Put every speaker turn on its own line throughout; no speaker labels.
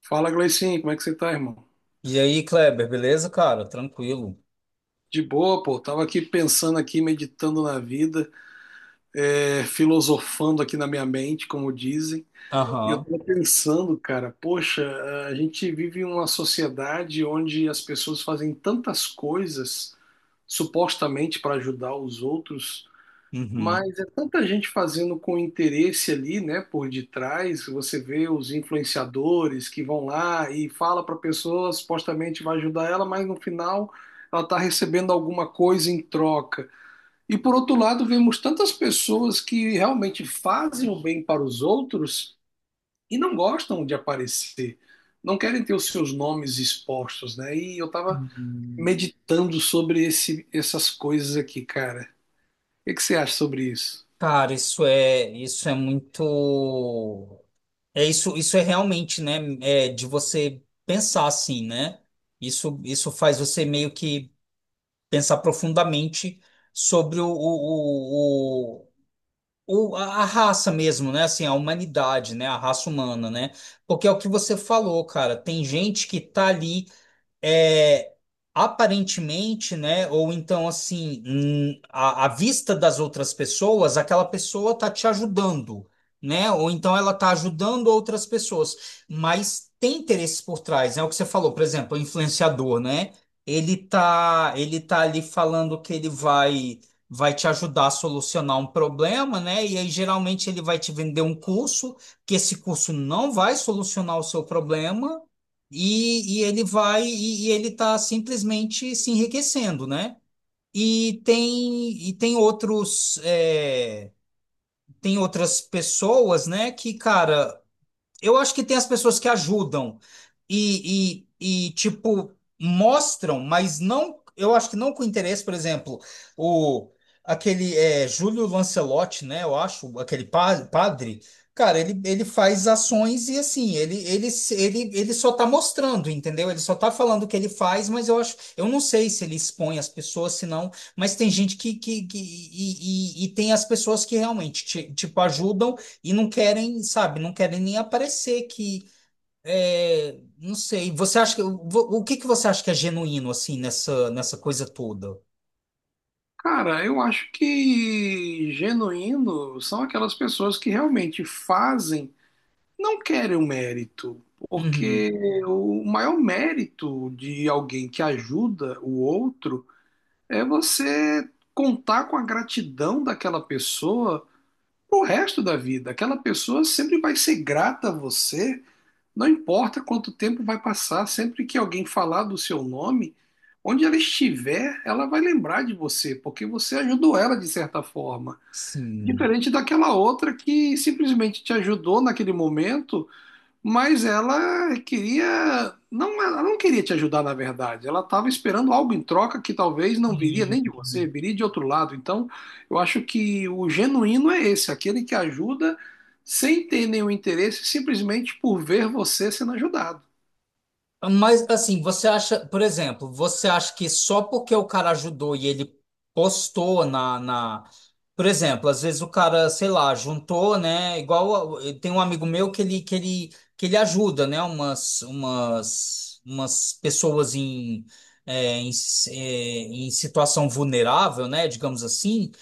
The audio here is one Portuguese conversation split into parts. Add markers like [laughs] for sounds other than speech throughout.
Fala, Gleicinho, como é que você tá, irmão?
E aí, Kleber, beleza, cara? Tranquilo.
De boa, pô. Tava aqui pensando aqui, meditando na vida, filosofando aqui na minha mente, como dizem. E eu
Aham.
tava pensando, cara, poxa, a gente vive em uma sociedade onde as pessoas fazem tantas coisas supostamente para ajudar os outros,
Uhum.
mas é tanta gente fazendo com interesse ali, né, por detrás. Você vê os influenciadores que vão lá e fala para a pessoa, supostamente vai ajudar ela, mas no final ela está recebendo alguma coisa em troca. E por outro lado, vemos tantas pessoas que realmente fazem o bem para os outros e não gostam de aparecer, não querem ter os seus nomes expostos, né? E eu estava
Uhum.
meditando sobre essas coisas aqui, cara. O que que você acha sobre isso?
Cara, isso é muito. É, isso é realmente, né? É de você pensar assim, né? Isso faz você meio que pensar profundamente sobre a raça mesmo, né? Assim, a humanidade, né? A raça humana, né? Porque é o que você falou, cara. Tem gente que tá ali. é, Aparentemente, né? Ou então, assim, à vista das outras pessoas, aquela pessoa tá te ajudando, né? Ou então ela tá ajudando outras pessoas, mas tem interesses por trás, né? O que você falou, por exemplo, o influenciador, né? Ele tá ali falando que ele vai. Vai te ajudar a solucionar um problema, né? E aí, geralmente, ele vai te vender um curso, que esse curso não vai solucionar o seu problema, e ele vai, e ele está simplesmente se enriquecendo, né? E tem outros tem outras pessoas, né? Que cara, eu acho que tem as pessoas que ajudam tipo, mostram, mas não. Eu acho que não com interesse. Por exemplo, o aquele é, Júlio Lancelotti, né? Eu acho, aquele padre, cara, ele faz ações e assim, ele só tá mostrando, entendeu? Ele só tá falando o que ele faz, mas eu acho, eu não sei se ele expõe as pessoas, se não, mas tem gente que tem as pessoas que realmente, tipo, ajudam. E não querem, sabe, não querem nem aparecer que, não sei, você acha que, o que que você acha que é genuíno, assim, nessa coisa toda?
Cara, eu acho que genuíno são aquelas pessoas que realmente fazem, não querem o mérito,
Uhum,
porque o maior mérito de alguém que ajuda o outro é você contar com a gratidão daquela pessoa pro resto da vida. Aquela pessoa sempre vai ser grata a você, não importa quanto tempo vai passar, sempre que alguém falar do seu nome, onde ela estiver, ela vai lembrar de você, porque você ajudou ela de certa forma.
sim.
Diferente daquela outra que simplesmente te ajudou naquele momento, mas ela queria, não, ela não queria te ajudar na verdade. Ela estava esperando algo em troca que talvez não viria nem de você,
Uhum.
viria de outro lado. Então, eu acho que o genuíno é esse, aquele que ajuda sem ter nenhum interesse, simplesmente por ver você sendo ajudado.
Mas assim, você acha, por exemplo, você acha que só porque o cara ajudou e ele postou na. Por exemplo, às vezes o cara, sei lá, juntou, né? Igual tem um amigo meu que ele ajuda, né? Umas pessoas em em, em situação vulnerável, né? Digamos assim.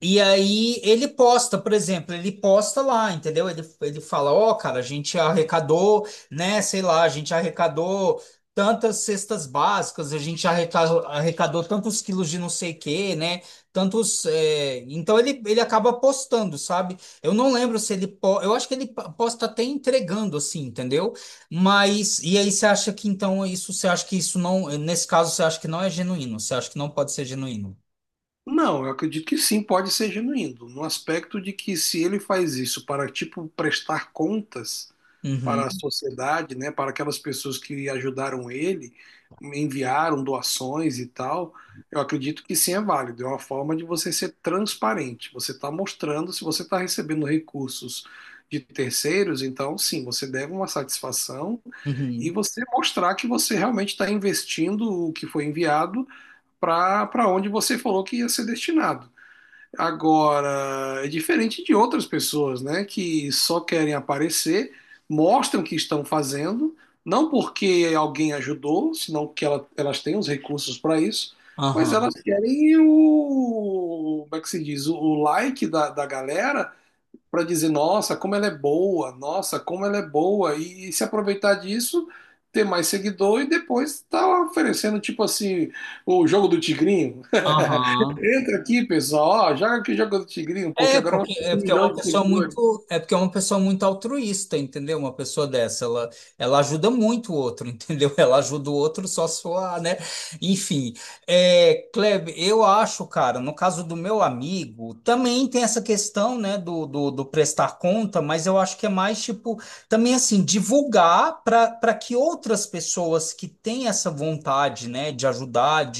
E aí ele posta, por exemplo, ele posta lá, entendeu? Ele fala, ó, cara, a gente arrecadou, né, sei lá, a gente arrecadou tantas cestas básicas, a gente arrecadou tantos quilos de não sei o quê, né? Tantos. Então ele acaba postando, sabe? Eu não lembro se ele. Eu acho que ele posta até entregando, assim, entendeu? Mas. E aí você acha que então isso, você acha que isso não. Nesse caso, você acha que não é genuíno, você acha que não pode ser genuíno.
Não, eu acredito que sim, pode ser genuíno, no aspecto de que se ele faz isso para, tipo, prestar contas para a
Uhum,
sociedade, né, para aquelas pessoas que ajudaram ele, enviaram doações e tal, eu acredito que sim, é válido, é uma forma de você ser transparente, você está mostrando se você está recebendo recursos de terceiros, então sim, você deve uma satisfação e
uhum.
você mostrar que você realmente está investindo o que foi enviado para onde você falou que ia ser destinado. Agora, é diferente de outras pessoas, né, que só querem aparecer, mostram o que estão fazendo, não porque alguém ajudou, senão que elas têm os recursos para isso, mas elas
Aham,
querem o, como é que se diz, o like da galera para dizer, nossa, como ela é boa, nossa, como ela é boa, e se aproveitar disso, ter mais seguidor e depois tá oferecendo, tipo assim, o jogo do tigrinho.
aham.
Entra aqui, pessoal, ó, joga aqui o jogo do Tigrinho, porque
É
agora eu vou
porque,
ter
é
um
porque é
milhão
uma
de
pessoa
seguidores.
muito, é porque é uma pessoa muito altruísta, entendeu? Uma pessoa dessa, ela ajuda muito o outro, [laughs] entendeu? Ela ajuda o outro só suar, né? Enfim, Kleber, eu acho, cara, no caso do meu amigo, também tem essa questão, né, do prestar conta, mas eu acho que é mais tipo, também assim, divulgar para que outras pessoas que têm essa vontade, né, de ajudar,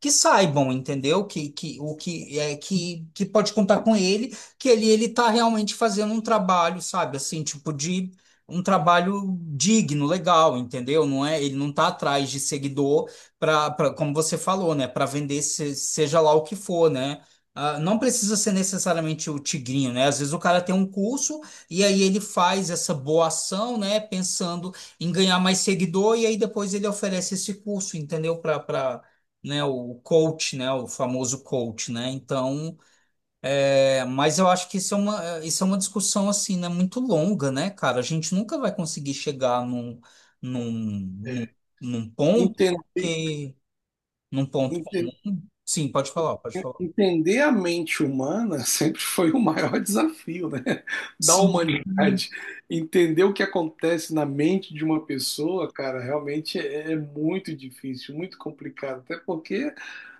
que saibam, entendeu? Que o que é que pode contar com ele, que ele tá realmente fazendo um trabalho, sabe? Assim, tipo de um trabalho digno, legal, entendeu? Não é, ele não tá atrás de seguidor para como você falou, né, para vender seja lá o que for, né? Ah, não precisa ser necessariamente o tigrinho, né? Às vezes o cara tem um curso e aí ele faz essa boa ação, né? Pensando em ganhar mais seguidor e aí depois ele oferece esse curso, entendeu? Para, né, o coach, né, o famoso coach, né? Então, mas eu acho que isso é uma, isso é uma discussão assim, né, muito longa, né, cara? A gente nunca vai conseguir chegar num, num,
É.
num ponto
Entender,
porque num ponto
entender,
comum. Sim, pode falar, pode falar.
Entender a mente humana [laughs] sempre foi o maior desafio, né? Da
Sim.
humanidade. Entender o que acontece na mente de uma pessoa, cara, realmente é muito difícil, muito complicado, até porque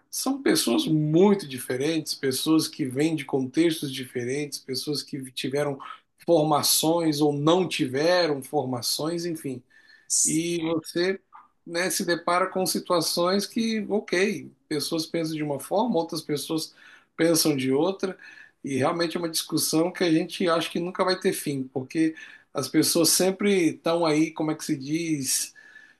são pessoas muito diferentes, pessoas que vêm de contextos diferentes, pessoas que tiveram formações ou não tiveram formações, enfim. E você, né, se depara com situações que, ok, pessoas pensam de uma forma, outras pessoas pensam de outra, e realmente é uma discussão que a gente acha que nunca vai ter fim, porque as pessoas sempre estão aí, como é que se diz,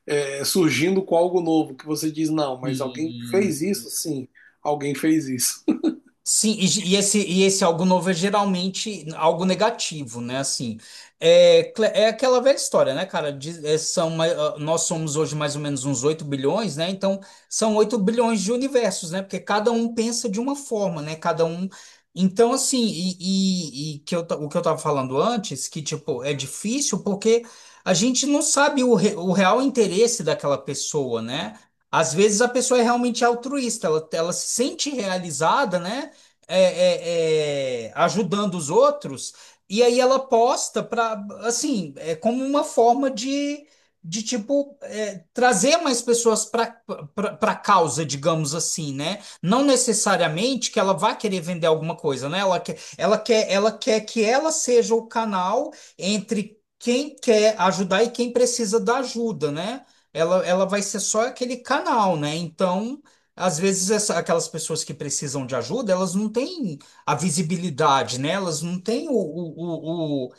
é, surgindo com algo novo, que você diz, não, mas alguém
Sim.
fez isso? Sim, alguém fez isso. [laughs]
Sim, e esse algo novo é geralmente algo negativo, né? Assim, aquela velha história, né, cara? Diz- é, são, ah, nós somos hoje mais ou menos uns 8 bilhões, né? Então, são 8 bilhões de universos, né? Porque cada um pensa de uma forma, né? Cada um. Então, assim, e que eu, o que eu tava falando antes, que, tipo, é difícil porque a gente não sabe o, o real interesse daquela pessoa, né? Às vezes a pessoa é realmente altruísta, ela se sente realizada, né? Ajudando os outros, e aí ela posta para, assim, é como uma forma de tipo, trazer mais pessoas para a causa, digamos assim, né? Não necessariamente que ela vá querer vender alguma coisa, né? Ela quer que ela seja o canal entre quem quer ajudar e quem precisa da ajuda, né? Ela vai ser só aquele canal, né? Então, às vezes aquelas pessoas que precisam de ajuda, elas não têm a visibilidade, né? Elas não têm o, o, o, o,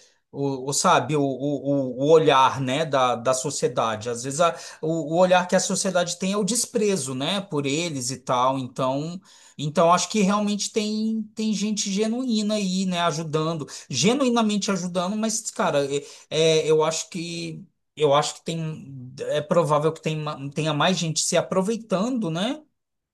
o, o, sabe, o olhar, né, da sociedade. Às vezes o olhar que a sociedade tem é o desprezo, né, por eles e tal. Então, então acho que realmente tem, tem gente genuína aí, né, ajudando, genuinamente ajudando, mas, cara, é, eu acho que eu acho que tem, é provável que tem, tenha mais gente se aproveitando, né?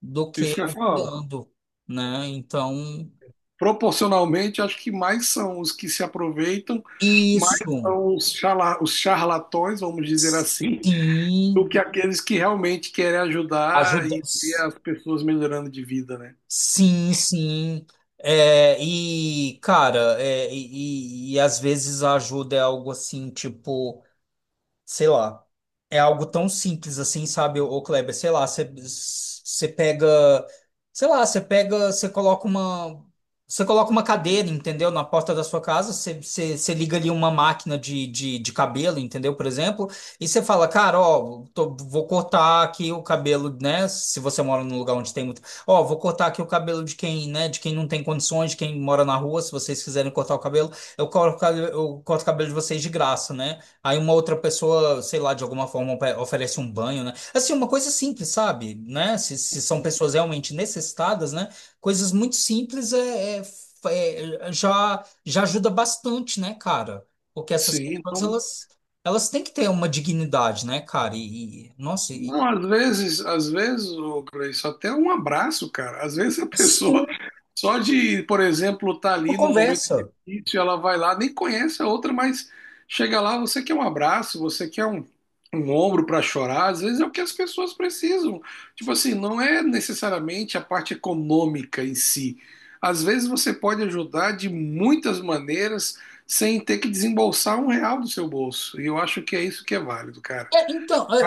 Do que
Isso que eu falo.
ajudando, né? Então,
Proporcionalmente, acho que mais são os que se aproveitam, mais
isso,
são os, os charlatões, vamos dizer assim,
sim,
do que aqueles que realmente querem ajudar
ajuda,
e ver as pessoas melhorando de vida, né?
sim, sim. É, e, cara, e às vezes a ajuda é algo assim, tipo. Sei lá, é algo tão simples assim, sabe, ô Kleber? Sei lá, você você pega, sei lá, você pega, você coloca uma cadeira, entendeu? Na porta da sua casa, você liga ali uma máquina de cabelo, entendeu? Por exemplo, e você fala, cara, ó, vou cortar aqui o cabelo, né? Se você mora num lugar onde tem muito, ó, vou cortar aqui o cabelo de quem, né? De quem não tem condições, de quem mora na rua, se vocês quiserem cortar o cabelo, eu corto, eu corto o cabelo de vocês de graça, né? Aí uma outra pessoa, sei lá, de alguma forma oferece um banho, né? Assim, uma coisa simples, sabe? Né? Se são pessoas realmente necessitadas, né? Coisas muito simples já ajuda bastante, né, cara? Porque essas
Sim,
pessoas,
então,
elas têm que ter uma dignidade, né, cara? Nossa, e,
não, às vezes, ô Gleice, até um abraço, cara. Às vezes a
sim,
pessoa, só de, por exemplo, estar
uma
ali num momento
conversa.
difícil, ela vai lá, nem conhece a outra, mas chega lá, você quer um abraço, você quer um ombro para chorar. Às vezes é o que as pessoas precisam. Tipo assim, não é necessariamente a parte econômica em si. Às vezes você pode ajudar de muitas maneiras sem ter que desembolsar um real do seu bolso. E eu acho que é isso que é válido, cara.
É, então, é,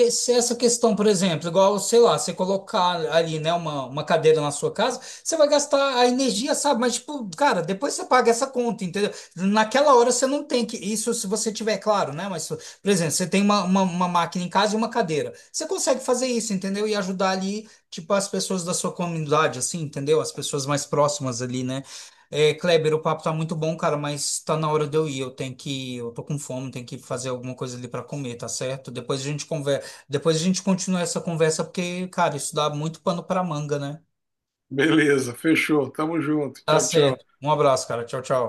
é, essa questão, por exemplo, igual, sei lá, você colocar ali, né, uma cadeira na sua casa, você vai gastar a energia, sabe? Mas, tipo, cara, depois você paga essa conta, entendeu? Naquela hora você não tem que. Isso se você tiver, claro, né? Mas, por exemplo, você tem uma máquina em casa e uma cadeira. Você consegue fazer isso, entendeu? E ajudar ali, tipo, as pessoas da sua comunidade, assim, entendeu? As pessoas mais próximas ali, né? É, Kleber, o papo tá muito bom, cara, mas tá na hora de eu ir. Eu tenho que, eu tô com fome, tenho que fazer alguma coisa ali pra comer, tá certo? Depois a gente conversa, depois a gente continua essa conversa porque, cara, isso dá muito pano pra manga, né?
Beleza, fechou. Tamo junto.
Tá
Tchau,
certo.
tchau.
Um abraço, cara. Tchau, tchau.